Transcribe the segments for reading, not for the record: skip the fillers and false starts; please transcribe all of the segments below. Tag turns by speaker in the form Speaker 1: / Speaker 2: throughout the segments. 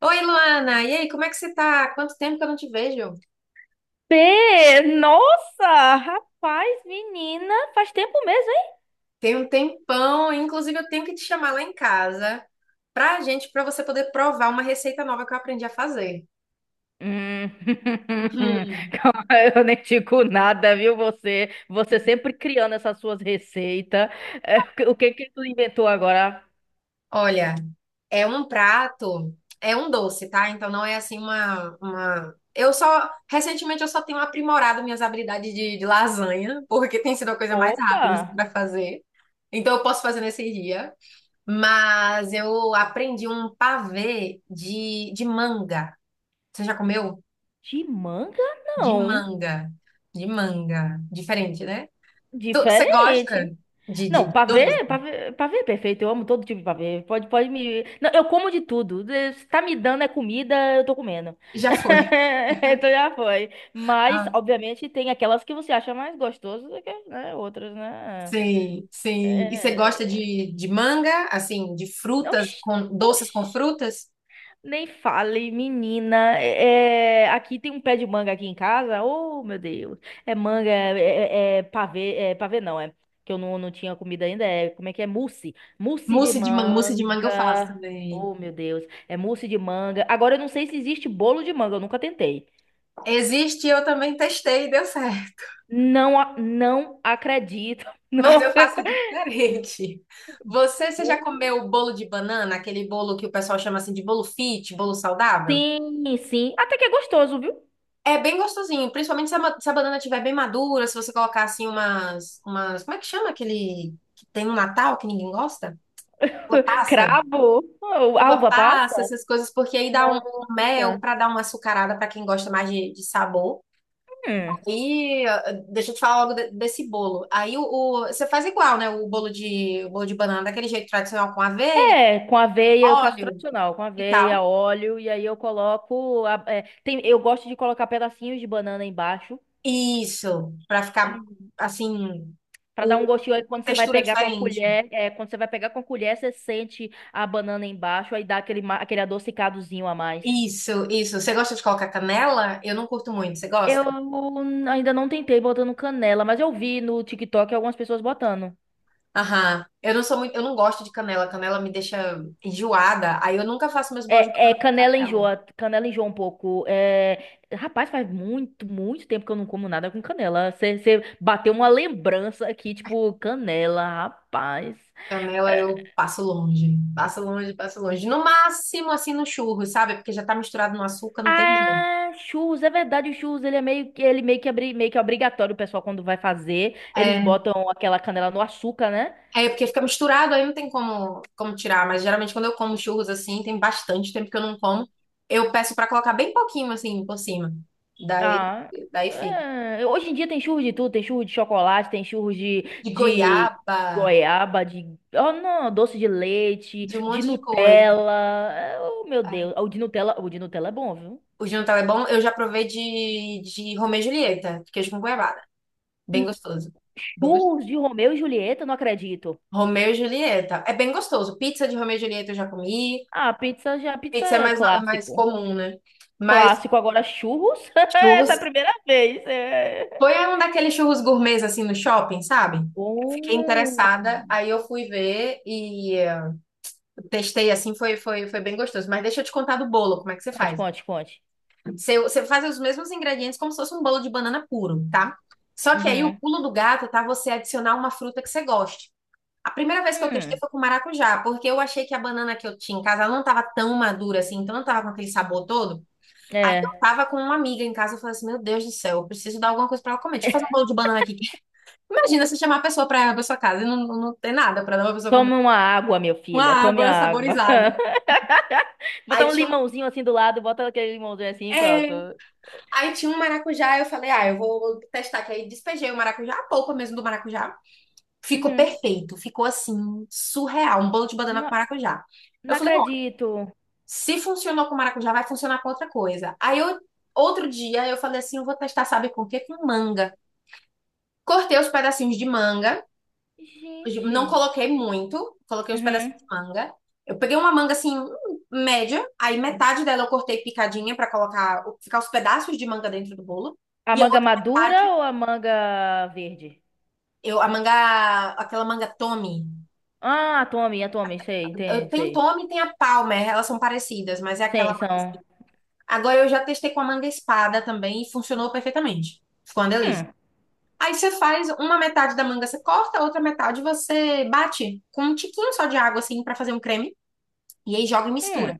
Speaker 1: Oi, Luana! E aí, como é que você tá? Quanto tempo que eu não te vejo?
Speaker 2: P! Nossa! Rapaz, menina, faz tempo mesmo, hein?
Speaker 1: Tem um tempão, inclusive eu tenho que te chamar lá em casa pra você poder provar uma receita nova que eu aprendi a fazer.
Speaker 2: Hum.
Speaker 1: Uhum.
Speaker 2: Calma, eu nem digo nada, viu? Você sempre criando essas suas receitas. É, o que que tu inventou agora?
Speaker 1: Olha, é um prato, é um doce, tá? Então não é assim. Recentemente eu só tenho aprimorado minhas habilidades de lasanha, porque tem sido a coisa mais
Speaker 2: Opa!
Speaker 1: rápida assim pra fazer. Então eu posso fazer nesse dia. Mas eu aprendi um pavê de manga. Você já comeu?
Speaker 2: De manga,
Speaker 1: De
Speaker 2: não.
Speaker 1: manga. De manga. Diferente, né? Você
Speaker 2: Diferente.
Speaker 1: gosta de, de
Speaker 2: Não,
Speaker 1: de doce?
Speaker 2: pavê, pavê, pavê é perfeito. Eu amo todo tipo de pavê. Pode me. Não, eu como de tudo. Se tá me dando é comida, eu tô comendo.
Speaker 1: Já foi.
Speaker 2: Então já foi. Mas,
Speaker 1: Ah,
Speaker 2: obviamente, tem aquelas que você acha mais gostosas do que, né, outras, né?
Speaker 1: sim, sim. E você gosta
Speaker 2: É...
Speaker 1: de manga, assim, de frutas,
Speaker 2: Oxi,
Speaker 1: com doces
Speaker 2: oxi.
Speaker 1: com frutas?
Speaker 2: Nem fale, menina. É, aqui tem um pé de manga aqui em casa. Oh, meu Deus. É manga, é pavê, é pavê não, é. Que eu não tinha comida ainda. É, como é que é? Mousse. Mousse de
Speaker 1: Mousse de manga eu faço
Speaker 2: manga.
Speaker 1: também.
Speaker 2: Oh, meu Deus. É mousse de manga. Agora eu não sei se existe bolo de manga, eu nunca tentei.
Speaker 1: Existe, eu também testei, e deu certo.
Speaker 2: Não, não acredito.
Speaker 1: Mas eu
Speaker 2: Não.
Speaker 1: faço diferente. Você já comeu o bolo de banana, aquele bolo que o pessoal chama assim de bolo fit, bolo saudável?
Speaker 2: Sim, sim. Até que é gostoso, viu?
Speaker 1: É bem gostosinho, principalmente se a banana estiver bem madura, se você colocar assim, como é que chama aquele que tem no Natal que ninguém gosta? Uva passa,
Speaker 2: Cravo. Oh,
Speaker 1: uva
Speaker 2: Alva passa.
Speaker 1: passa, essas coisas, porque aí dá um mel
Speaker 2: Nossa.
Speaker 1: para dar uma açucarada para quem gosta mais de sabor.
Speaker 2: Hum.
Speaker 1: Aí, deixa eu te falar logo desse bolo. Aí você faz igual, né? O bolo de banana daquele jeito tradicional com aveia,
Speaker 2: É, com aveia, eu faço
Speaker 1: óleo
Speaker 2: tradicional, com
Speaker 1: e
Speaker 2: aveia,
Speaker 1: tal.
Speaker 2: óleo, e aí eu coloco. Eu gosto de colocar pedacinhos de banana embaixo.
Speaker 1: Isso, para ficar
Speaker 2: Uhum.
Speaker 1: assim,
Speaker 2: Pra dar um
Speaker 1: uma
Speaker 2: gostinho aí quando você vai
Speaker 1: textura
Speaker 2: pegar com a
Speaker 1: diferente.
Speaker 2: colher. É, quando você vai pegar com a colher, você sente a banana embaixo, aí dá aquele, aquele adocicadozinho a mais.
Speaker 1: Isso, isso. Você gosta de colocar canela? Eu não curto muito. Você
Speaker 2: Eu
Speaker 1: gosta?
Speaker 2: ainda não tentei botando canela, mas eu vi no TikTok algumas pessoas botando.
Speaker 1: Aham. Eu não sou muito, eu não gosto de canela. Canela me deixa enjoada. Aí eu nunca faço meus bolos de
Speaker 2: É,
Speaker 1: canela com canela.
Speaker 2: canela enjoa um pouco. É, rapaz, faz muito, muito tempo que eu não como nada com canela. Você bateu uma lembrança aqui, tipo, canela, rapaz.
Speaker 1: Canela
Speaker 2: É,
Speaker 1: eu passo longe, passo longe, passo longe. No máximo assim no churro, sabe? Porque já tá misturado no açúcar, não tem jeito.
Speaker 2: ah, churros, é verdade, o churros, ele meio que é obrigatório, o pessoal quando vai fazer, eles
Speaker 1: É,
Speaker 2: botam aquela canela no açúcar, né?
Speaker 1: é porque fica misturado, aí não tem como tirar. Mas geralmente quando eu como churros assim, tem bastante tempo que eu não como, eu peço pra colocar bem pouquinho assim por cima. Daí,
Speaker 2: Ah,
Speaker 1: daí fica.
Speaker 2: é, hoje em dia tem churros de tudo, tem churros de chocolate, tem churros de,
Speaker 1: De
Speaker 2: de
Speaker 1: goiaba.
Speaker 2: goiaba, de, oh não, doce de leite,
Speaker 1: De um
Speaker 2: de
Speaker 1: monte de coisa.
Speaker 2: Nutella. É, oh meu Deus,
Speaker 1: Aí,
Speaker 2: o de Nutella é bom, viu?
Speaker 1: o jantar é bom. Eu já provei de Romeu e Julieta, de queijo com goiabada. Bem
Speaker 2: Hum.
Speaker 1: gostoso. Bem gostoso.
Speaker 2: Churros de Romeu e Julieta, não acredito.
Speaker 1: Romeu e Julieta. É bem gostoso. Pizza de Romeu e Julieta eu já comi.
Speaker 2: Ah, pizza já, pizza
Speaker 1: Pizza é
Speaker 2: é
Speaker 1: mais, é mais
Speaker 2: clássico.
Speaker 1: comum, né? Mas
Speaker 2: Clássico, agora churros? Essa é a
Speaker 1: churros.
Speaker 2: primeira vez. É.
Speaker 1: Foi um daqueles churros gourmets assim no shopping, sabe? Fiquei interessada,
Speaker 2: Hum.
Speaker 1: aí eu fui ver e testei assim, foi bem gostoso. Mas deixa eu te contar do bolo, como é que você
Speaker 2: Conte,
Speaker 1: faz?
Speaker 2: conte, conte.
Speaker 1: Você faz os mesmos ingredientes como se fosse um bolo de banana puro, tá? Só que aí o
Speaker 2: Uhum.
Speaker 1: pulo do gato tá você adicionar uma fruta que você goste. A primeira vez que eu testei
Speaker 2: Hum.
Speaker 1: foi com maracujá, porque eu achei que a banana que eu tinha em casa ela não tava tão madura assim, então não tava com aquele sabor todo. Aí eu
Speaker 2: É.
Speaker 1: tava com uma amiga em casa, eu falei assim: Meu Deus do céu, eu preciso dar alguma coisa pra ela comer. Deixa eu fazer um bolo de banana aqui. Imagina você chamar a pessoa pra sua casa e não, não ter nada pra dar pra pessoa comer.
Speaker 2: Tome uma água, meu
Speaker 1: Uma
Speaker 2: filha. Tome a
Speaker 1: água
Speaker 2: água.
Speaker 1: saborizada. Aí
Speaker 2: Botar um
Speaker 1: tinha um.
Speaker 2: limãozinho assim do lado, bota aquele limãozinho assim e
Speaker 1: É.
Speaker 2: pronto.
Speaker 1: Aí tinha um maracujá, eu falei, ah, eu vou testar, que aí despejei o maracujá, a polpa mesmo do maracujá. Ficou
Speaker 2: Uhum.
Speaker 1: perfeito, ficou assim, surreal, um bolo de banana com
Speaker 2: Não,
Speaker 1: maracujá. Eu
Speaker 2: não
Speaker 1: falei, ó,
Speaker 2: acredito.
Speaker 1: se funcionou com maracujá, vai funcionar com outra coisa. Outro dia eu falei assim, eu vou testar, sabe com o quê? Com manga. Cortei os pedacinhos de manga, não
Speaker 2: Gente.
Speaker 1: coloquei muito, coloquei os
Speaker 2: Uhum.
Speaker 1: pedacinhos de manga. Eu peguei uma manga assim, média, aí metade dela eu cortei picadinha pra colocar, ficar os pedaços de manga dentro do bolo.
Speaker 2: A
Speaker 1: E a
Speaker 2: manga
Speaker 1: outra
Speaker 2: madura
Speaker 1: metade,
Speaker 2: ou a manga verde?
Speaker 1: eu, a manga, aquela manga Tommy.
Speaker 2: Ah, a Tommy, sei, entendi,
Speaker 1: Tem
Speaker 2: sei.
Speaker 1: Tommy e tem a Palmer, elas são parecidas, mas é aquela.
Speaker 2: Sim, são.
Speaker 1: Agora eu já testei com a manga espada também e funcionou perfeitamente. Ficou uma delícia.
Speaker 2: Hum,
Speaker 1: Aí você faz uma metade da manga, você corta, a outra metade você bate com um tiquinho só de água assim pra fazer um creme e aí joga e mistura.
Speaker 2: hum,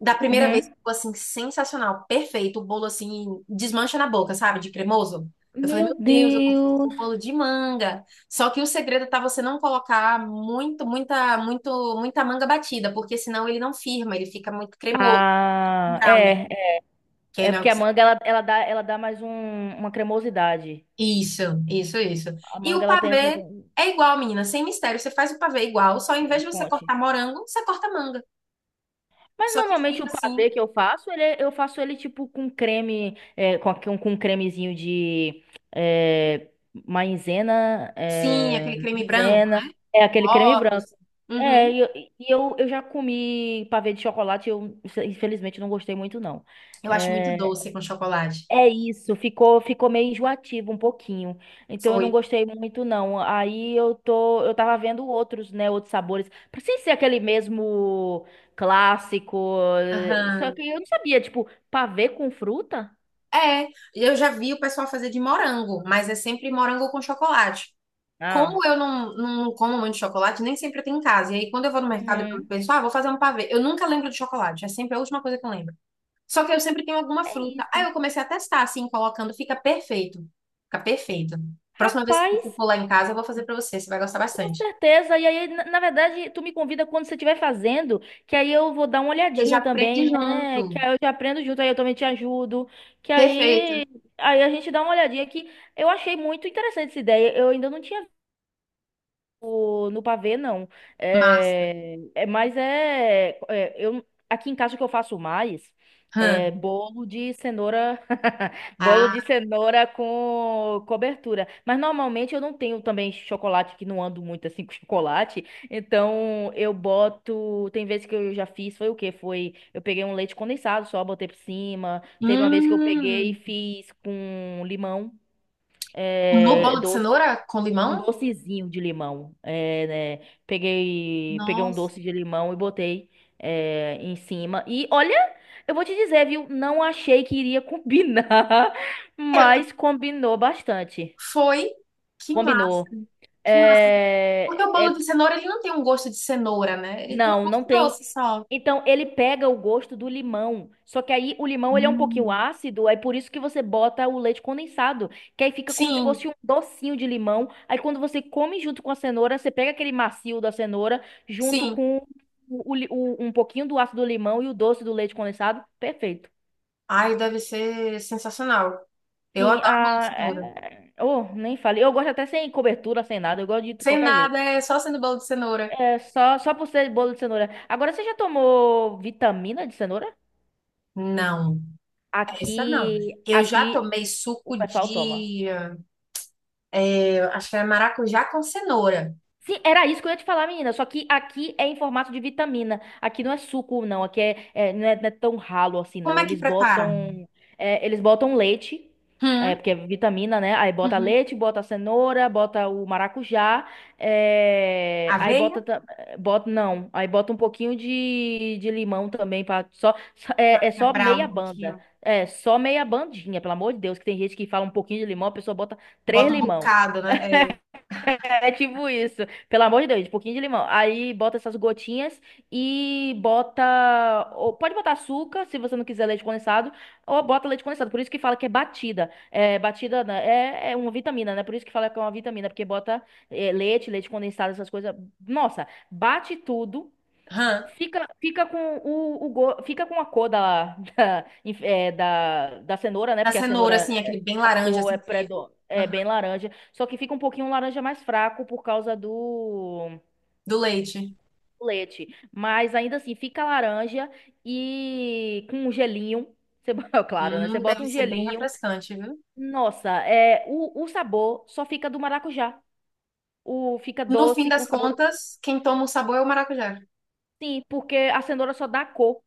Speaker 1: Da primeira vez
Speaker 2: uhum.
Speaker 1: ficou assim, sensacional, perfeito. O bolo assim, desmancha na boca, sabe? De cremoso. Eu falei, meu
Speaker 2: Meu
Speaker 1: Deus, eu consigo fazer
Speaker 2: Deus.
Speaker 1: um bolo de manga. Só que o segredo tá você não colocar muito, muita manga batida, porque senão ele não firma, ele fica muito cremoso, um
Speaker 2: Ah,
Speaker 1: brownie.
Speaker 2: é, é,
Speaker 1: Que aí
Speaker 2: é
Speaker 1: não é o
Speaker 2: porque
Speaker 1: que
Speaker 2: a
Speaker 1: você.
Speaker 2: manga ela dá mais uma cremosidade.
Speaker 1: Isso, isso, isso.
Speaker 2: A
Speaker 1: E
Speaker 2: manga
Speaker 1: o
Speaker 2: ela tem essa.
Speaker 1: pavê é igual, menina, sem mistério. Você faz o pavê igual, só em vez de você
Speaker 2: Conte.
Speaker 1: cortar morango, você corta manga.
Speaker 2: Mas
Speaker 1: Só que
Speaker 2: normalmente o
Speaker 1: fica assim,
Speaker 2: pavê que eu faço, eu faço ele tipo com creme, com um cremezinho de é, maizena,
Speaker 1: sim, aquele creme branco,
Speaker 2: maizena, é aquele creme branco.
Speaker 1: ovos.
Speaker 2: É,
Speaker 1: Uhum.
Speaker 2: eu já comi pavê de chocolate, eu infelizmente não gostei muito não.
Speaker 1: Eu acho muito
Speaker 2: É,
Speaker 1: doce com chocolate.
Speaker 2: é, isso, ficou meio enjoativo um pouquinho. Então eu não
Speaker 1: Foi.
Speaker 2: gostei muito não. Aí eu tava vendo outros, né, outros sabores, pra sem ser aquele mesmo clássico. Só
Speaker 1: Aham.
Speaker 2: que eu não sabia, tipo, pavê com fruta?
Speaker 1: É, eu já vi o pessoal fazer de morango, mas é sempre morango com chocolate.
Speaker 2: Ah.
Speaker 1: Como eu não, não como muito chocolate, nem sempre tem em casa. E aí, quando eu vou no mercado, eu
Speaker 2: Uhum.
Speaker 1: penso, ah, vou fazer um pavê. Eu nunca lembro de chocolate, é sempre a última coisa que eu lembro. Só que eu sempre tenho alguma
Speaker 2: É
Speaker 1: fruta. Aí
Speaker 2: isso.
Speaker 1: eu comecei a testar, assim, colocando, fica perfeito. Fica perfeito. Próxima vez que
Speaker 2: Rapaz.
Speaker 1: você for lá em casa, eu vou fazer pra você, você vai gostar
Speaker 2: Com
Speaker 1: bastante.
Speaker 2: certeza. E aí, na verdade, tu me convida quando você estiver fazendo, que aí eu vou dar uma
Speaker 1: Você já
Speaker 2: olhadinha também,
Speaker 1: aprende
Speaker 2: né? Que
Speaker 1: junto.
Speaker 2: aí eu te aprendo junto, aí eu também te ajudo. Que
Speaker 1: Perfeito.
Speaker 2: aí a gente dá uma olhadinha que eu achei muito interessante essa ideia. Eu ainda não tinha no pavê, não.
Speaker 1: Massa.
Speaker 2: É, mas é, eu, aqui em casa o que eu faço mais
Speaker 1: Hã.
Speaker 2: é bolo de cenoura, bolo
Speaker 1: Ah,
Speaker 2: de cenoura com cobertura. Mas normalmente eu não tenho também chocolate, que não ando muito assim com chocolate. Então eu boto. Tem vezes que eu já fiz, foi o quê? Foi. Eu peguei um leite condensado só, botei por cima. Teve uma vez que eu peguei e
Speaker 1: hum.
Speaker 2: fiz com limão.
Speaker 1: No
Speaker 2: É,
Speaker 1: bolo de cenoura com limão?
Speaker 2: um docezinho de limão. É, né? Peguei um
Speaker 1: Nossa.
Speaker 2: doce de limão e botei em cima. E olha, eu vou te dizer, viu? Não achei que iria combinar,
Speaker 1: É,
Speaker 2: mas combinou bastante.
Speaker 1: foi. Que massa.
Speaker 2: Combinou.
Speaker 1: Que massa. Porque
Speaker 2: É,
Speaker 1: o bolo
Speaker 2: é
Speaker 1: de cenoura, ele não tem um gosto de cenoura, né? Ele tem um
Speaker 2: Não,
Speaker 1: gosto
Speaker 2: não tem.
Speaker 1: doce só.
Speaker 2: Então, ele pega o gosto do limão. Só que aí o limão ele é um pouquinho
Speaker 1: Hum.
Speaker 2: ácido, é por isso que você bota o leite condensado, que aí fica como se
Speaker 1: Sim,
Speaker 2: fosse um docinho de limão. Aí quando você come junto com a cenoura, você pega aquele macio da cenoura junto
Speaker 1: sim.
Speaker 2: com o um pouquinho do ácido do limão e o doce do leite condensado. Perfeito.
Speaker 1: Ai, deve ser sensacional. Eu
Speaker 2: Sim,
Speaker 1: adoro bolo de cenoura.
Speaker 2: oh, nem falei. Eu gosto até sem cobertura, sem nada, eu gosto de
Speaker 1: Sem
Speaker 2: qualquer jeito.
Speaker 1: nada, é só sendo bolo de cenoura.
Speaker 2: É só por ser bolo de cenoura. Agora você já tomou vitamina de cenoura?
Speaker 1: Não, essa não.
Speaker 2: Aqui,
Speaker 1: Eu já
Speaker 2: aqui
Speaker 1: tomei
Speaker 2: o
Speaker 1: suco
Speaker 2: pessoal toma.
Speaker 1: de, eu acho que era maracujá com cenoura.
Speaker 2: Sim, era isso que eu ia te falar, menina. Só que aqui é em formato de vitamina. Aqui não é suco, não. Aqui não é tão ralo assim,
Speaker 1: Como
Speaker 2: não.
Speaker 1: é
Speaker 2: Eles
Speaker 1: que prepara?
Speaker 2: botam, é, eles botam leite,
Speaker 1: Hum,
Speaker 2: porque é vitamina, né? Aí bota
Speaker 1: uhum.
Speaker 2: leite, bota cenoura, bota o maracujá, é, aí
Speaker 1: Aveia,
Speaker 2: bota, ta- bota, não. Aí bota um pouquinho de limão também para só só
Speaker 1: quebrar
Speaker 2: meia
Speaker 1: um
Speaker 2: banda.
Speaker 1: pouquinho.
Speaker 2: É, só meia bandinha, pelo amor de Deus, que tem gente que fala um pouquinho de limão, a pessoa bota três
Speaker 1: Bota um
Speaker 2: limão.
Speaker 1: bocado, né? É.
Speaker 2: É tipo isso. Pelo amor de Deus, um pouquinho de limão. Aí bota essas gotinhas e bota. Ou pode botar açúcar, se você não quiser leite condensado, ou bota leite condensado. Por isso que fala que é batida. É, batida né, é uma vitamina, né? Por isso que fala que é uma vitamina, porque bota leite condensado, essas coisas. Nossa, bate tudo.
Speaker 1: Aham.
Speaker 2: Fica com o go- fica com a cor da, da, inf- é, da, da cenoura, né?
Speaker 1: Da
Speaker 2: Porque a cenoura,
Speaker 1: cenoura, assim,
Speaker 2: é-
Speaker 1: aquele bem
Speaker 2: a
Speaker 1: laranja,
Speaker 2: cor é,
Speaker 1: assim, vivo.
Speaker 2: predo, é
Speaker 1: Aham.
Speaker 2: bem laranja. Só que fica um pouquinho laranja mais fraco por causa do
Speaker 1: Do leite.
Speaker 2: leite. Mas ainda assim, fica laranja e com um gelinho. Você, bo- Claro, né? Você bota
Speaker 1: Deve
Speaker 2: um
Speaker 1: ser bem
Speaker 2: gelinho.
Speaker 1: refrescante, viu?
Speaker 2: Nossa, o sabor só fica do maracujá. Fica
Speaker 1: No fim
Speaker 2: doce com
Speaker 1: das
Speaker 2: sabor do...
Speaker 1: contas, quem toma o sabor é o maracujá.
Speaker 2: Sim, porque a cenoura só dá cor.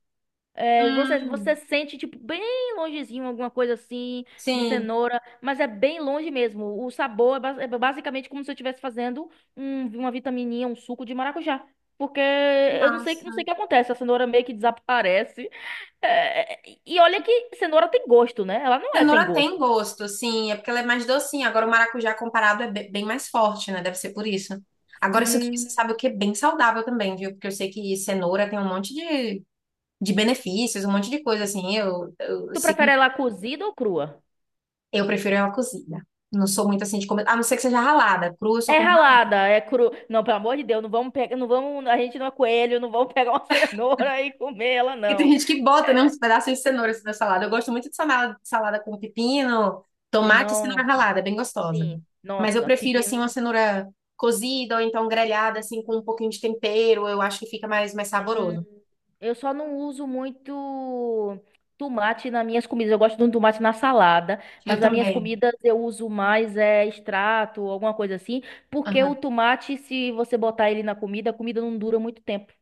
Speaker 2: É, você
Speaker 1: Hum,
Speaker 2: sente, tipo, bem longezinho, alguma coisa assim, de
Speaker 1: sim.
Speaker 2: cenoura, mas é bem longe mesmo. O sabor é basicamente como se eu estivesse fazendo uma vitamininha, um suco de maracujá. Porque eu não sei o
Speaker 1: Massa.
Speaker 2: que acontece, a cenoura meio que desaparece. É, e olha que cenoura tem gosto, né? Ela não é sem
Speaker 1: Cenoura tem
Speaker 2: gosto.
Speaker 1: gosto, sim. É porque ela é mais docinha. Agora, o maracujá comparado é bem mais forte, né? Deve ser por isso. Agora, isso daqui você
Speaker 2: Hum,
Speaker 1: sabe o que é bem saudável também, viu? Porque eu sei que cenoura tem um monte de benefícios, um monte de coisa, assim.
Speaker 2: tu prefere ela cozida ou crua?
Speaker 1: Eu prefiro ela cozida. Não sou muito assim de comer. A não ser que seja ralada. Crua, eu só
Speaker 2: É
Speaker 1: como ralada.
Speaker 2: ralada, é cru. Não, pelo amor de Deus, não vamos pegar, não vamos, a gente não é coelho, não vamos pegar uma cenoura e comer ela,
Speaker 1: Porque tem
Speaker 2: não.
Speaker 1: gente que bota, né, uns pedaços de cenoura assim, na salada. Eu gosto muito de salada, salada com pepino, tomate e
Speaker 2: Não.
Speaker 1: cenoura ralada. É bem gostosa.
Speaker 2: Sim.
Speaker 1: Mas eu
Speaker 2: Nossa,
Speaker 1: prefiro, assim,
Speaker 2: pepino.
Speaker 1: uma cenoura cozida ou então grelhada, assim, com um pouquinho de tempero. Eu acho que fica mais
Speaker 2: Hum,
Speaker 1: saboroso.
Speaker 2: eu só não uso muito tomate nas minhas comidas. Eu gosto de um tomate na salada,
Speaker 1: Eu
Speaker 2: mas nas minhas
Speaker 1: também.
Speaker 2: comidas eu uso mais extrato, alguma coisa assim, porque
Speaker 1: Aham.
Speaker 2: o tomate, se você botar ele na comida, a comida não dura muito tempo.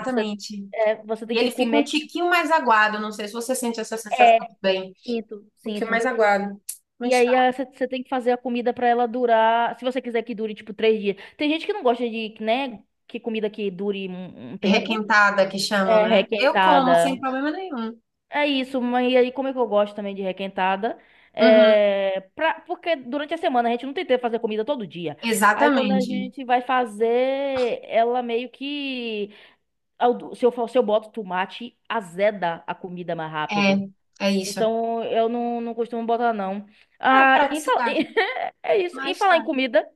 Speaker 2: Você, você tem
Speaker 1: E
Speaker 2: que
Speaker 1: ele fica um
Speaker 2: comer, tipo,
Speaker 1: tiquinho mais aguado. Não sei se você sente essa sensação
Speaker 2: é,
Speaker 1: também. Um
Speaker 2: sinto,
Speaker 1: pouquinho
Speaker 2: sinto.
Speaker 1: mais aguado.
Speaker 2: E
Speaker 1: Mas tá.
Speaker 2: aí você tem que fazer a comida pra ela durar, se você quiser que dure, tipo, 3 dias. Tem gente que não gosta de, né, que comida que dure um tempo.
Speaker 1: Requentada, que chamam,
Speaker 2: É
Speaker 1: né? Eu como sem
Speaker 2: requentada.
Speaker 1: problema nenhum.
Speaker 2: É isso, mas e aí como é que eu gosto também de requentada?
Speaker 1: Uhum,
Speaker 2: É, porque durante a semana a gente não tem tempo de fazer comida todo dia. Aí quando a
Speaker 1: exatamente.
Speaker 2: gente vai fazer, ela meio que. Se eu boto tomate, azeda a comida mais
Speaker 1: É,
Speaker 2: rápido.
Speaker 1: é isso.
Speaker 2: Então eu não costumo botar, não.
Speaker 1: É
Speaker 2: Ah,
Speaker 1: praticidade,
Speaker 2: é isso. Em
Speaker 1: mas
Speaker 2: falar em
Speaker 1: tá.
Speaker 2: comida,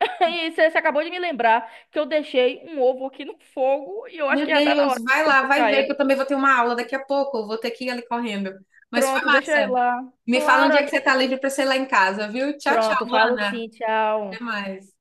Speaker 2: e você acabou de me lembrar que eu deixei um ovo aqui no fogo e eu acho que
Speaker 1: Meu
Speaker 2: já tá na
Speaker 1: Deus,
Speaker 2: hora
Speaker 1: vai
Speaker 2: de
Speaker 1: lá, vai
Speaker 2: buscar
Speaker 1: ver que
Speaker 2: ele.
Speaker 1: eu também vou ter uma aula daqui a pouco. Eu vou ter que ir ali correndo. Mas foi
Speaker 2: Pronto, deixa eu ir
Speaker 1: massa.
Speaker 2: lá.
Speaker 1: Me fala
Speaker 2: Claro.
Speaker 1: onde é que você tá livre para ser lá em casa, viu? Tchau, tchau,
Speaker 2: Pronto, falo
Speaker 1: Luana.
Speaker 2: sim, tchau.
Speaker 1: Até mais.